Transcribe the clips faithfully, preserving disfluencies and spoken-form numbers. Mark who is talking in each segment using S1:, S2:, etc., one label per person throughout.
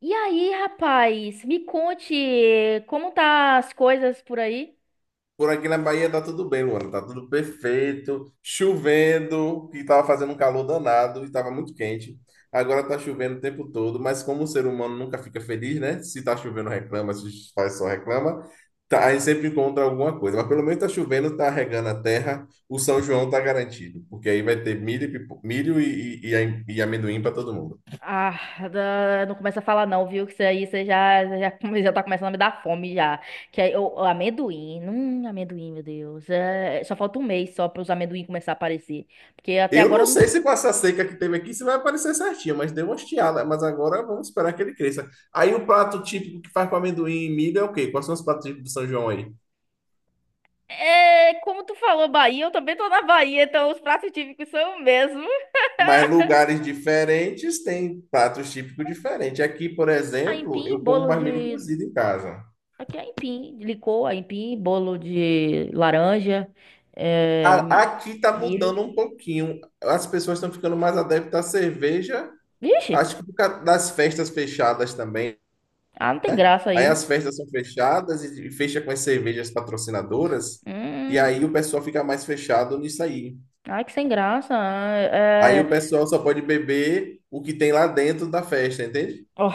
S1: E aí, rapaz, me conte como tá as coisas por aí?
S2: Por aqui na Bahia tá tudo bem, Luana. Tá tudo perfeito. Chovendo, que tava fazendo um calor danado e tava muito quente. Agora tá chovendo o tempo todo, mas como o ser humano nunca fica feliz, né? Se tá chovendo, reclama, se faz só reclama. Tá, aí sempre encontra alguma coisa. Mas pelo menos tá chovendo, tá regando a terra. O São João tá garantido, porque aí vai ter milho, e pipo- milho e, e, e a- e amendoim para todo mundo.
S1: Ah, da- não começa a falar não, viu? Que isso aí você já, já, já já tá começando a me dar fome já. Que aí, o, o amendoim, hum, amendoim, meu Deus. É, só falta um mês só para os amendoim começar a aparecer. Porque até
S2: Eu
S1: agora
S2: não
S1: não.
S2: sei se com essa seca que teve aqui se vai aparecer certinho, mas deu uma estiada. Mas agora vamos esperar que ele cresça. Aí o prato típico que faz com amendoim e milho é o quê? Quais são os pratos típicos do São João aí?
S1: É, como tu falou, Bahia, eu também tô na Bahia, então os pratos típicos são o mesmo.
S2: Mas lugares diferentes têm pratos típicos diferentes. Aqui, por exemplo,
S1: Aipim,
S2: eu como
S1: bolo
S2: mais milho
S1: de.
S2: cozido em casa.
S1: Aqui é aipim, de licor, aipim, bolo de laranja, é,
S2: A-
S1: mi-
S2: Aqui tá mudando
S1: milho.
S2: um pouquinho. As pessoas estão ficando mais adeptas à cerveja.
S1: Vixe,
S2: Acho que por causa das festas fechadas também.
S1: ah, não tem graça
S2: Aí
S1: aí.
S2: as festas são fechadas e e fecha com as cervejas patrocinadoras, e aí
S1: Hum,
S2: o pessoal fica mais fechado nisso aí.
S1: ai, que sem graça.
S2: Aí
S1: É,
S2: o
S1: é,
S2: pessoal só pode beber o que tem lá dentro da festa, entende?
S1: oh,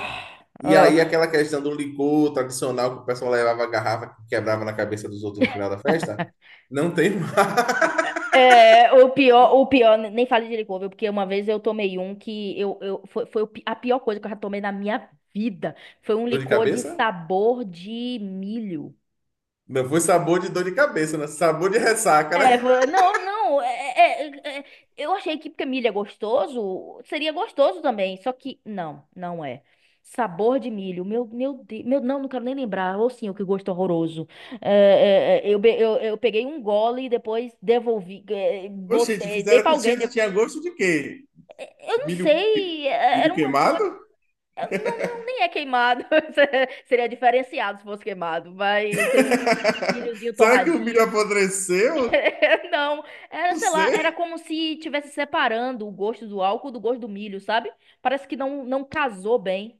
S2: E aí
S1: oh.
S2: aquela questão do licor tradicional que o pessoal levava a garrafa que quebrava na cabeça dos outros no final da festa, não tem mais.
S1: É, o pior, o pior, nem fale de licor, viu? Porque uma vez eu tomei um que eu, eu, foi, foi o pi- a pior coisa que eu já tomei na minha vida. Foi um
S2: Dor de
S1: licor de
S2: cabeça?
S1: sabor de milho.
S2: Não foi sabor de dor de cabeça, né? Sabor de ressaca, né?
S1: É, foi- não, não, é, é- é- é, eu achei que porque milho é gostoso, seria gostoso também, só que não, não é. Sabor de milho, meu, meu Deus, meu, não, não quero nem lembrar, ou sim, o que gosto horroroso. É, é, é, eu, be- eu, eu peguei um gole e depois devolvi, é,
S2: Ô, gente,
S1: botei, dei
S2: fizeram
S1: pra
S2: com tinha,
S1: alguém, de-
S2: tinha gosto de quê?
S1: eu não
S2: Milho, que-
S1: sei, é,
S2: milho
S1: era uma
S2: queimado?
S1: coisa, eu- não, não, nem é queimado, seria diferenciado se fosse queimado, mas seria um milhozinho
S2: Será que o
S1: torradinho.
S2: milho apodreceu?
S1: Não, era,
S2: Não
S1: sei lá, era
S2: sei.
S1: como se tivesse separando o gosto do álcool do gosto do milho, sabe? Parece que não, não casou bem.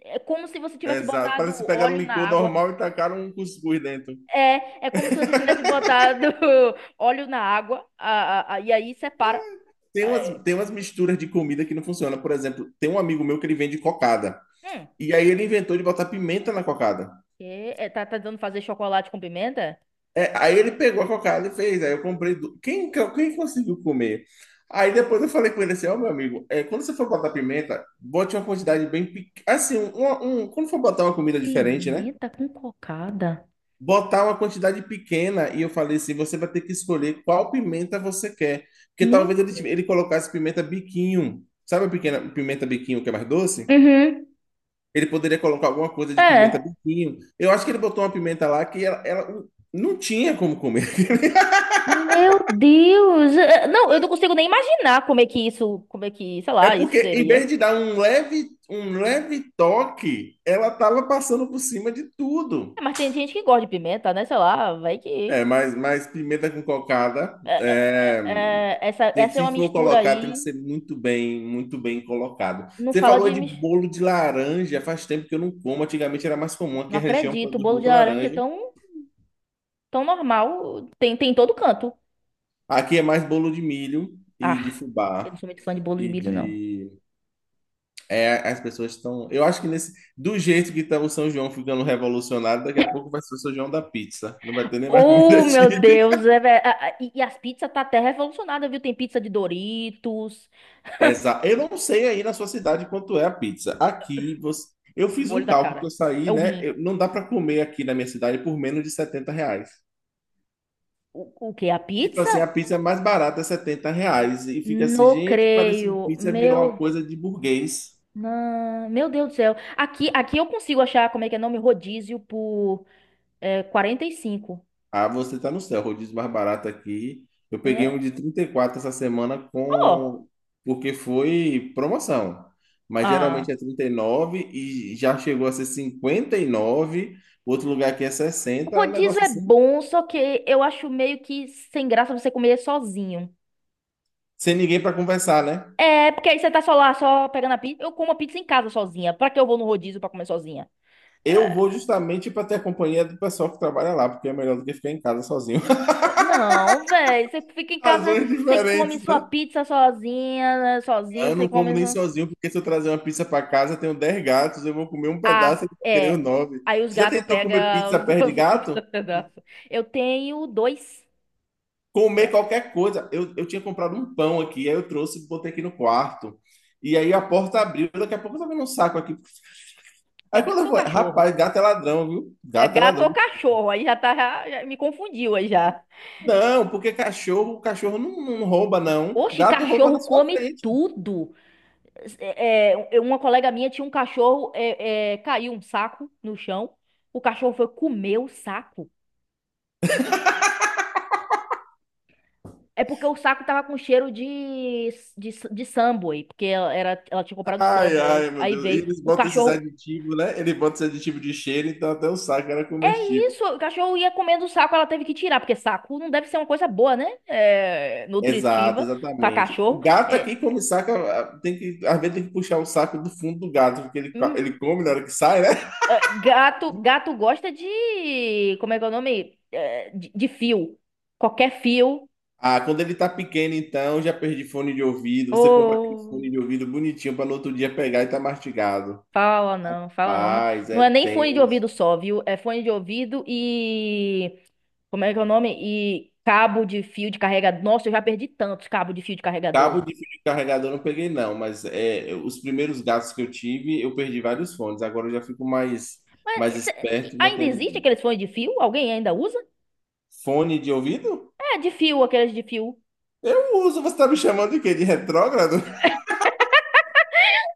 S1: É como se você tivesse
S2: Exato.
S1: botado
S2: Parece que pegaram um
S1: óleo na
S2: licor
S1: água.
S2: normal e tacaram um cuscuz dentro.
S1: É, é como se você tivesse botado óleo na água, a, a- a- e aí separa.
S2: Tem umas,
S1: Aí,
S2: tem umas misturas de comida que não funciona. Por exemplo, tem um amigo meu que ele vende cocada.
S1: Hum,
S2: E aí ele inventou de botar pimenta na cocada.
S1: que- é, tá, tá tentando fazer chocolate com pimenta?
S2: É, aí ele pegou a cocada e fez. Aí eu comprei. du- Quem, quem conseguiu comer? Aí depois eu falei com ele assim: ó, meu amigo, é, quando você for botar pimenta, bote uma quantidade bem pequena. Assim, um, um- quando for botar uma comida diferente, né?
S1: Pimenta com cocada.
S2: Botar uma quantidade pequena, e eu falei assim: você vai ter que escolher qual pimenta você quer, porque
S1: Meu.
S2: talvez ele, tive- ele colocasse pimenta biquinho, sabe, a pequena pimenta biquinho que é mais doce?
S1: Uhum.
S2: Ele poderia colocar alguma coisa de pimenta
S1: É.
S2: biquinho. Eu acho que ele botou uma pimenta lá que ela, ela não não tinha como comer.
S1: Meu Deus. É, não, eu não consigo nem imaginar como é que isso, como é que, sei
S2: É
S1: lá, isso
S2: porque em
S1: seria.
S2: vez de dar um leve um leve toque, ela tava passando por cima de tudo.
S1: É, mas tem gente que gosta de pimenta, né? Sei lá, vai que.
S2: É, mas, mas pimenta com cocada,
S1: É, é,
S2: é,
S1: é, é, essa, essa é uma
S2: se for
S1: mistura
S2: colocar, tem que
S1: aí.
S2: ser muito bem, muito bem colocado.
S1: Não
S2: Você
S1: fala
S2: falou
S1: de.
S2: de
S1: mis-
S2: bolo de laranja, faz tempo que eu não como. Antigamente era mais comum,
S1: Não
S2: aqui a região
S1: acredito. O
S2: produz
S1: bolo de
S2: muita
S1: laranja é
S2: laranja.
S1: tão, tão normal. Tem, tem em todo canto.
S2: Aqui é mais bolo de milho e de
S1: Ah, eu não
S2: fubá.
S1: sou muito fã de bolo de
S2: E
S1: milho, não.
S2: de... É, as pessoas estão... Eu acho que nesse... Do jeito que está o São João ficando revolucionário, daqui a pouco vai ser o São João da pizza. Não vai ter nem mais comida
S1: Oh, meu
S2: típica.
S1: Deus. É, ve- a- a- e, e as pizzas tá até revolucionada, viu? Tem pizza de Doritos.
S2: Exa- Eu não sei aí na sua cidade quanto é a pizza. Aqui você... eu
S1: O
S2: fiz
S1: olho
S2: um
S1: da
S2: cálculo que
S1: cara.
S2: eu
S1: É
S2: saí,
S1: o
S2: né?
S1: rim.
S2: Eu- Não dá para comer aqui na minha cidade por menos de setenta reais.
S1: O, o quê? A
S2: Tipo
S1: pizza?
S2: assim, a pizza mais barata é setenta reais. E fica assim,
S1: Não
S2: gente, parece que
S1: creio.
S2: pizza virou uma
S1: Meu
S2: coisa de burguês.
S1: Não, meu Deus do céu. Aqui, aqui eu consigo achar, como é que é o nome? Rodízio por é, quarenta e cinco.
S2: Ah, você tá no céu, rodízio mais barato aqui. Eu peguei
S1: Né?
S2: um de trinta e quatro essa semana
S1: Oh,
S2: com... porque foi promoção. Mas geralmente é
S1: ah,
S2: trinta e nove e já chegou a ser cinquenta e nove. Outro lugar aqui é
S1: o
S2: sessenta. É um
S1: rodízio
S2: negócio
S1: é
S2: assim.
S1: bom, só que eu acho meio que sem graça você comer sozinho.
S2: Sem ninguém para conversar, né?
S1: É, porque aí você tá só lá, só pegando a pizza. Eu como a pizza em casa sozinha. Pra que eu vou no rodízio pra comer sozinha?
S2: Eu
S1: É,
S2: vou justamente para ter a companhia do pessoal que trabalha lá, porque é melhor do que ficar em casa sozinho.
S1: ó, não, velho. Você fica em casa,
S2: Razões
S1: você come
S2: diferentes,
S1: sua
S2: né?
S1: pizza sozinha, né, sozinho,
S2: Eu
S1: você
S2: não como nem
S1: come.
S2: sozinho, porque se eu trazer uma pizza para casa, eu tenho dez gatos, eu vou comer um pedaço e
S1: Ah,
S2: vou querer os
S1: é.
S2: nove.
S1: Aí os
S2: Você já
S1: gatos
S2: tentou comer
S1: pegam
S2: pizza
S1: os,
S2: perto de
S1: os outros
S2: gato?
S1: pedaços. Eu tenho dois.
S2: Comer qualquer coisa. Eu, eu tinha comprado um pão aqui, aí eu trouxe e botei aqui no quarto. E aí a porta abriu, daqui a pouco eu tava vendo um saco aqui.
S1: É
S2: Aí quando
S1: gato
S2: eu
S1: ou
S2: falei:
S1: cachorro?
S2: rapaz, gato é ladrão, viu?
S1: É
S2: Gato é
S1: gato
S2: ladrão.
S1: ou cachorro? Aí já tá, já, já me confundiu aí já.
S2: Não, porque cachorro, cachorro não, não rouba, não.
S1: Oxe,
S2: Gato rouba
S1: cachorro
S2: na sua
S1: come
S2: frente.
S1: tudo. É, é, uma colega minha tinha um cachorro, é, é, caiu um saco no chão. O cachorro foi comer o saco. É porque o saco tava com cheiro de, de, de Subway, porque ela, era, ela tinha comprado
S2: Ai, ai,
S1: Subway.
S2: meu
S1: Aí
S2: Deus. E
S1: veio,
S2: eles
S1: o
S2: botam esses
S1: cachorro.
S2: aditivos, né? Ele bota esse aditivo de cheiro, então até o saco era comestível.
S1: Isso, o cachorro ia comendo o saco, ela teve que tirar, porque saco não deve ser uma coisa boa, né? É,
S2: Exato,
S1: nutritiva pra
S2: exatamente. O
S1: cachorro.
S2: gato
S1: É,
S2: aqui come saca, ah, tem que, às vezes tem que puxar o saco do fundo do gato, porque ele, co-
S1: hum,
S2: ele come na hora que sai, né?
S1: é, gato, gato gosta de, como é que é o nome? É, de, de fio. Qualquer fio.
S2: Ah, quando ele tá pequeno, então, já perdi fone de ouvido. Você compra aquele
S1: Ô,
S2: fone de ouvido bonitinho para no outro dia pegar e tá mastigado.
S1: fala não, fala não, né?
S2: Paz,
S1: Não
S2: é
S1: é nem fone de
S2: tenso.
S1: ouvido só, viu? É fone de ouvido e, como é que é o nome? E cabo de fio de carregador. Nossa, eu já perdi tantos cabos de fio de
S2: Cabo
S1: carregador.
S2: de fio de carregador eu não peguei, não, mas é, os primeiros gatos que eu tive, eu perdi vários fones. Agora eu já fico mais,
S1: Mas
S2: mais
S1: esse-
S2: esperto e
S1: ainda
S2: mantendo
S1: existe
S2: longe.
S1: aqueles fones de fio? Alguém ainda usa?
S2: Fone de ouvido?
S1: É de fio, aqueles de fio.
S2: Eu uso. Você tá me chamando de quê? De retrógrado?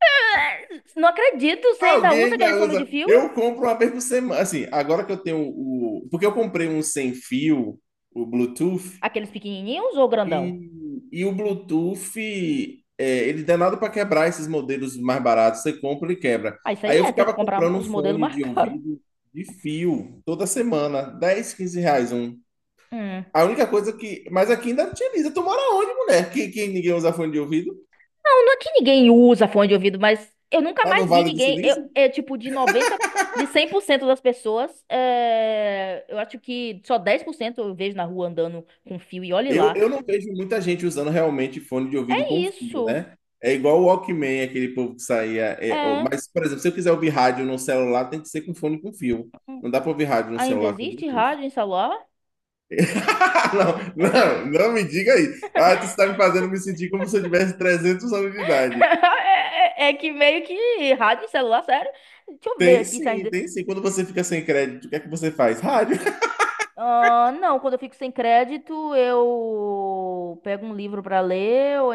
S1: É, não acredito, você ainda
S2: Alguém
S1: usa
S2: ainda
S1: aqueles fomes de
S2: usa.
S1: fio?
S2: Eu compro uma vez por semana. Assim, agora que eu tenho o... Porque eu comprei um sem fio, o Bluetooth,
S1: Aqueles pequenininhos ou grandão?
S2: E, e o Bluetooth, é, ele dá nada para quebrar esses modelos mais baratos. Você compra e quebra.
S1: Ah, isso aí
S2: Aí eu
S1: é, tem que
S2: ficava
S1: comprar
S2: comprando um
S1: os modelos
S2: fone
S1: mais
S2: de
S1: caros.
S2: ouvido de fio toda semana, dez, quinze reais um.
S1: Hum.
S2: A única coisa que... Mas aqui ainda utiliza. Tu mora onde, mulher? Que, que ninguém usa fone de ouvido?
S1: Não, não é que ninguém usa fone de ouvido, mas eu nunca
S2: Lá no
S1: mais vi
S2: Vale do
S1: ninguém. Eu,
S2: Silício?
S1: é tipo de noventa de cem por cento das pessoas, é, eu acho que só dez por cento eu vejo na rua andando com fio e olhe
S2: Eu,
S1: lá.
S2: eu não vejo muita gente usando realmente fone de ouvido
S1: É
S2: com fio,
S1: isso.
S2: né? É igual o Walkman, aquele povo que saía. É, ó,
S1: É.
S2: mas, por exemplo, se eu quiser ouvir rádio no celular, tem que ser com fone com fio. Não dá para ouvir rádio no
S1: Ainda
S2: celular com
S1: existe
S2: Bluetooth.
S1: rádio em celular?
S2: Não, não, não me diga aí. Ah, tu está me fazendo me sentir como se eu tivesse 300 anos de idade.
S1: É, é que meio que rádio e celular, sério? Deixa eu ver
S2: Tem
S1: aqui se
S2: sim,
S1: ainda.
S2: tem sim. Quando você fica sem crédito, o que é que você faz? Rádio.
S1: Ah, não, quando eu fico sem crédito, eu pego um livro pra ler, ou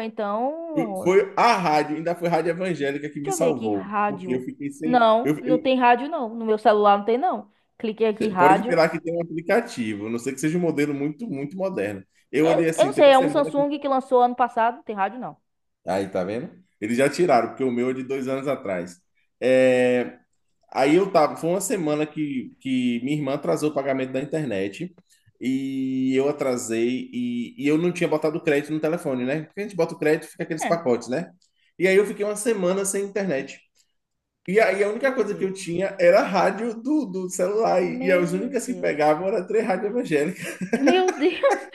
S1: então.
S2: Foi a rádio, ainda foi a rádio evangélica que me
S1: Deixa eu ver aqui,
S2: salvou, porque eu
S1: rádio.
S2: fiquei sem.
S1: Não,
S2: Eu,
S1: não
S2: eu,
S1: tem rádio, não. No meu celular não tem, não. Cliquei aqui,
S2: Pode
S1: rádio.
S2: esperar que tem um aplicativo, a não sei que seja um modelo muito, muito moderno. Eu olhei
S1: É, eu não
S2: assim, tem
S1: sei,
S2: uma
S1: é um
S2: semana que...
S1: Samsung que lançou ano passado, não tem rádio, não.
S2: Aí, tá vendo? Eles já tiraram, porque o meu é de dois anos atrás. É, aí eu tava... Foi uma semana que, que minha irmã atrasou o pagamento da internet. E eu atrasei. E, e eu não tinha botado crédito no telefone, né? Porque a gente bota o crédito, fica aqueles
S1: É.
S2: pacotes, né? E aí eu fiquei uma semana sem internet. E aí a única
S1: Meu
S2: coisa que eu
S1: Deus.
S2: tinha era a rádio do, do celular. E, e as
S1: Meu
S2: únicas que
S1: Deus.
S2: pegavam eram três rádios evangélicas.
S1: Meu Deus,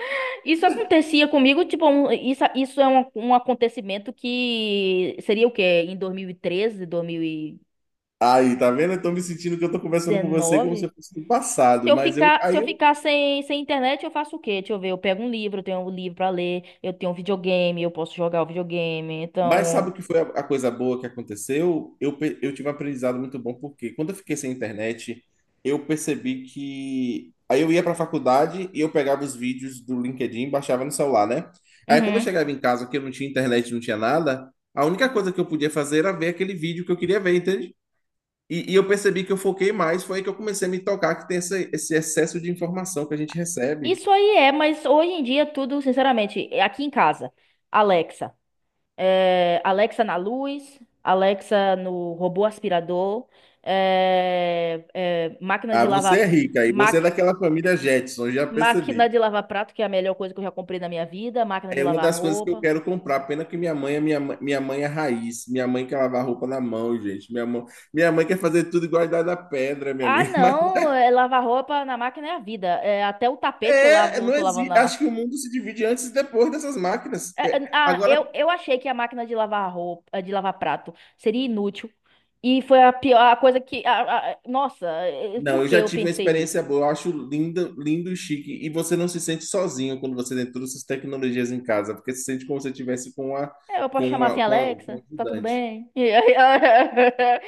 S1: isso acontecia comigo, tipo, um- isso, isso é um, um acontecimento que seria o quê? Em dois mil e treze, dois mil e dezenove?
S2: Aí, tá vendo? Eu tô me sentindo que eu tô conversando com você como se eu fosse do
S1: Se
S2: passado,
S1: eu
S2: mas eu,
S1: ficar, se
S2: aí
S1: eu
S2: eu,
S1: ficar sem, sem internet, eu faço o quê? Deixa eu ver, eu pego um livro, eu tenho um livro pra ler, eu tenho um videogame, eu posso jogar o videogame,
S2: mas sabe o
S1: então.
S2: que foi a, a coisa boa que aconteceu? Eu, pe- eu tive um aprendizado muito bom, porque quando eu fiquei sem internet, eu percebi que, aí eu ia pra faculdade e eu pegava os vídeos do LinkedIn e baixava no celular, né? Aí quando eu
S1: Uhum.
S2: chegava em casa, que eu não tinha internet, não tinha nada, a única coisa que eu podia fazer era ver aquele vídeo que eu queria ver, entende? E, e eu percebi que eu foquei mais, foi aí que eu comecei a me tocar que tem esse, esse excesso de informação que a gente recebe.
S1: Isso aí é, mas hoje em dia tudo, sinceramente, é aqui em casa, Alexa. é, Alexa na luz, Alexa no robô aspirador, é, é, máquina
S2: Ah,
S1: de
S2: você é
S1: lavar,
S2: rica e você é
S1: maqui-
S2: daquela família Jetson, já
S1: máquina
S2: percebi.
S1: de lavar prato, que é a melhor coisa que eu já comprei na minha vida, máquina de
S2: É uma
S1: lavar
S2: das coisas que eu
S1: roupa.
S2: quero comprar, pena que minha mãe é minha, mãe- minha mãe é raiz, minha mãe quer lavar roupa na mão, gente. Minha mãe, minha mãe quer fazer tudo igual a Idade da Pedra, minha
S1: Ah,
S2: amiga. Mas
S1: não, é, lavar roupa na máquina é a vida. É, até o tapete eu
S2: é,
S1: lavo,
S2: não
S1: tô lavando
S2: existe.
S1: na
S2: Acho
S1: máquina.
S2: que o mundo se divide antes e depois dessas máquinas. É,
S1: Ah,
S2: agora,
S1: eu, eu achei que a máquina de lavar roupa, de lavar prato seria inútil. E foi a pior a coisa que. A- a- nossa, eh,
S2: não,
S1: por
S2: eu
S1: que
S2: já
S1: eu
S2: tive uma
S1: pensei
S2: experiência
S1: nisso?
S2: boa, eu acho lindo, lindo e chique. E você não se sente sozinho quando você tem todas essas tecnologias em casa, porque se sente como se você estivesse com uma,
S1: É, eu posso
S2: com
S1: chamar assim,
S2: uma, com a- com um
S1: Alexa, tá tudo
S2: ajudante.
S1: bem?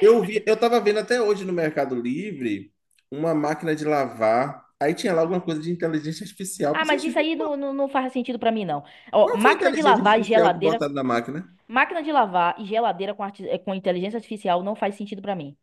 S2: Eu vi, eu tava vendo até hoje no Mercado Livre uma máquina de lavar. Aí tinha lá alguma coisa de inteligência artificial. Eu
S1: Ah,
S2: pensei:
S1: mas isso
S2: "Gente,
S1: aí não, não, não faz sentido pra mim, não. Ó,
S2: qual foi a
S1: máquina de
S2: inteligência
S1: lavar e
S2: artificial que
S1: geladeira.
S2: botaram na máquina?"
S1: Máquina de lavar e geladeira com, arti- eh, com inteligência artificial não faz sentido pra mim.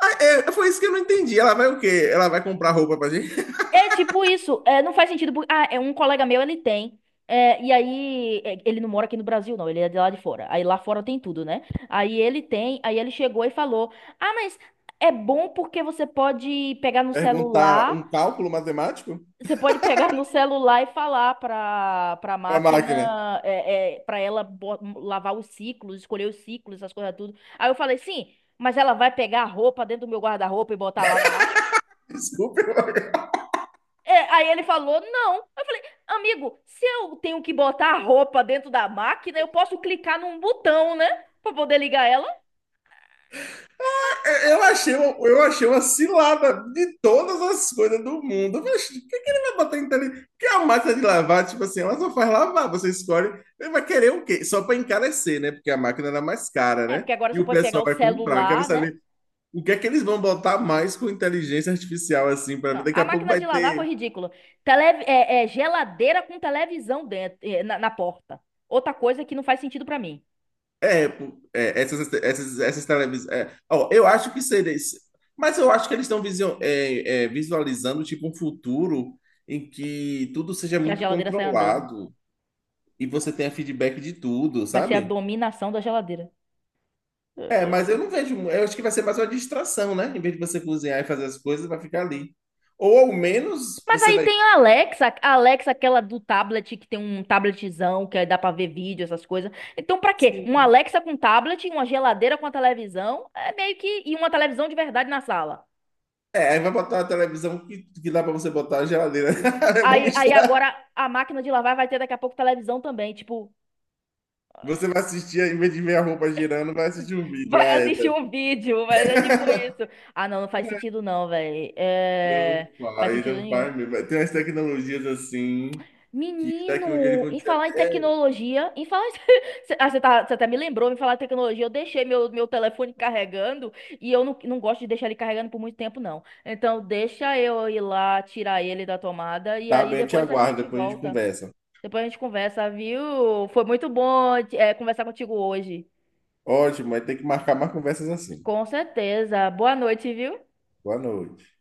S2: Ah, é, é, foi isso que eu não entendi. Ela vai o quê? Ela vai comprar roupa pra gente?
S1: É tipo isso, é, não faz sentido. por- Ah, é um colega meu, ele tem. É, e aí, é, ele não mora aqui no Brasil, não, ele é de lá de fora. Aí lá fora tem tudo, né? Aí ele tem, aí ele chegou e falou: Ah, mas é bom porque você pode pegar no
S2: Perguntar um
S1: celular.
S2: cálculo matemático
S1: Você pode pegar no celular e falar para para a
S2: pra máquina?
S1: máquina, é, para ela bo- lavar os ciclos, escolher os ciclos, essas coisas tudo. Aí eu falei, sim, mas ela vai pegar a roupa dentro do meu guarda-roupa e botar lá na máquina?
S2: Desculpa.
S1: É, aí ele falou, não. Eu falei, amigo, se eu tenho que botar a roupa dentro da máquina, eu posso clicar num botão, né? Para poder ligar ela. Mas- mas-
S2: Eu
S1: isso-
S2: achei, uma- eu achei uma cilada de todas as coisas do mundo. Mas o que, que ele vai botar em inteligência? Porque a máquina de lavar, tipo assim, ela só faz lavar. Você escolhe. Ele vai querer o quê? Só para encarecer, né? Porque a máquina era mais cara,
S1: É,
S2: né?
S1: porque agora
S2: E
S1: você
S2: o
S1: pode pegar
S2: pessoal
S1: o
S2: vai comprar. Eu quero
S1: celular, né?
S2: saber o que é que eles vão botar mais com inteligência artificial, assim, para ver.
S1: Não,
S2: Daqui
S1: a
S2: a pouco
S1: máquina
S2: vai
S1: de lavar
S2: ter.
S1: foi ridícula. Tele, é, é geladeira com televisão dentro, é, na, na porta. Outra coisa que não faz sentido pra mim,
S2: É, é, essas, essas, essas televisões. Ó, eu acho que seria isso. Mas eu acho que eles estão visio- é, é, visualizando tipo um futuro em que tudo seja
S1: que a
S2: muito
S1: geladeira sai andando.
S2: controlado e você tenha feedback de tudo,
S1: Vai ser a
S2: sabe?
S1: dominação da geladeira.
S2: É, mas eu não vejo... mu- Eu acho que vai ser mais uma distração, né? Em vez de você cozinhar e fazer as coisas, vai ficar ali. Ou ao menos
S1: Mas
S2: você
S1: aí
S2: vai...
S1: tem a Alexa, a Alexa aquela do tablet, que tem um tabletzão, que aí dá pra ver vídeo, essas coisas. Então, pra quê? Uma
S2: Sim.
S1: Alexa com tablet, uma geladeira com a televisão, é meio que. E uma televisão de verdade na sala.
S2: É, aí vai botar uma televisão que, que dá pra você botar a geladeira. Vamos
S1: Aí, aí
S2: misturar.
S1: agora a máquina de lavar vai ter daqui a pouco televisão também. Tipo,
S2: Você vai assistir, em vez de ver a roupa girando, vai assistir um vídeo. Ah,
S1: vai
S2: é.
S1: assistir um vídeo, mas é tipo isso. Ah, não, não faz sentido não, velho.
S2: Não
S1: É. Faz
S2: faz,
S1: sentido
S2: não
S1: nenhum.
S2: faz mesmo. Tem umas tecnologias assim que daqui a um dia eles
S1: Menino,
S2: vão
S1: em
S2: dizer
S1: falar em
S2: até...
S1: tecnologia, em falar em. Cê- Ah, você tá, você até me lembrou, em falar em tecnologia, eu deixei meu, meu telefone carregando e eu não, não gosto de deixar ele carregando por muito tempo, não. Então, deixa eu ir lá tirar ele da tomada e
S2: Tá
S1: aí
S2: bem, eu te
S1: depois a
S2: aguardo,
S1: gente
S2: depois a gente
S1: volta.
S2: conversa.
S1: Depois a gente conversa, viu? Foi muito bom, é, conversar contigo hoje.
S2: Ótimo, mas tem que marcar mais conversas assim.
S1: Com certeza. Boa noite, viu?
S2: Boa noite.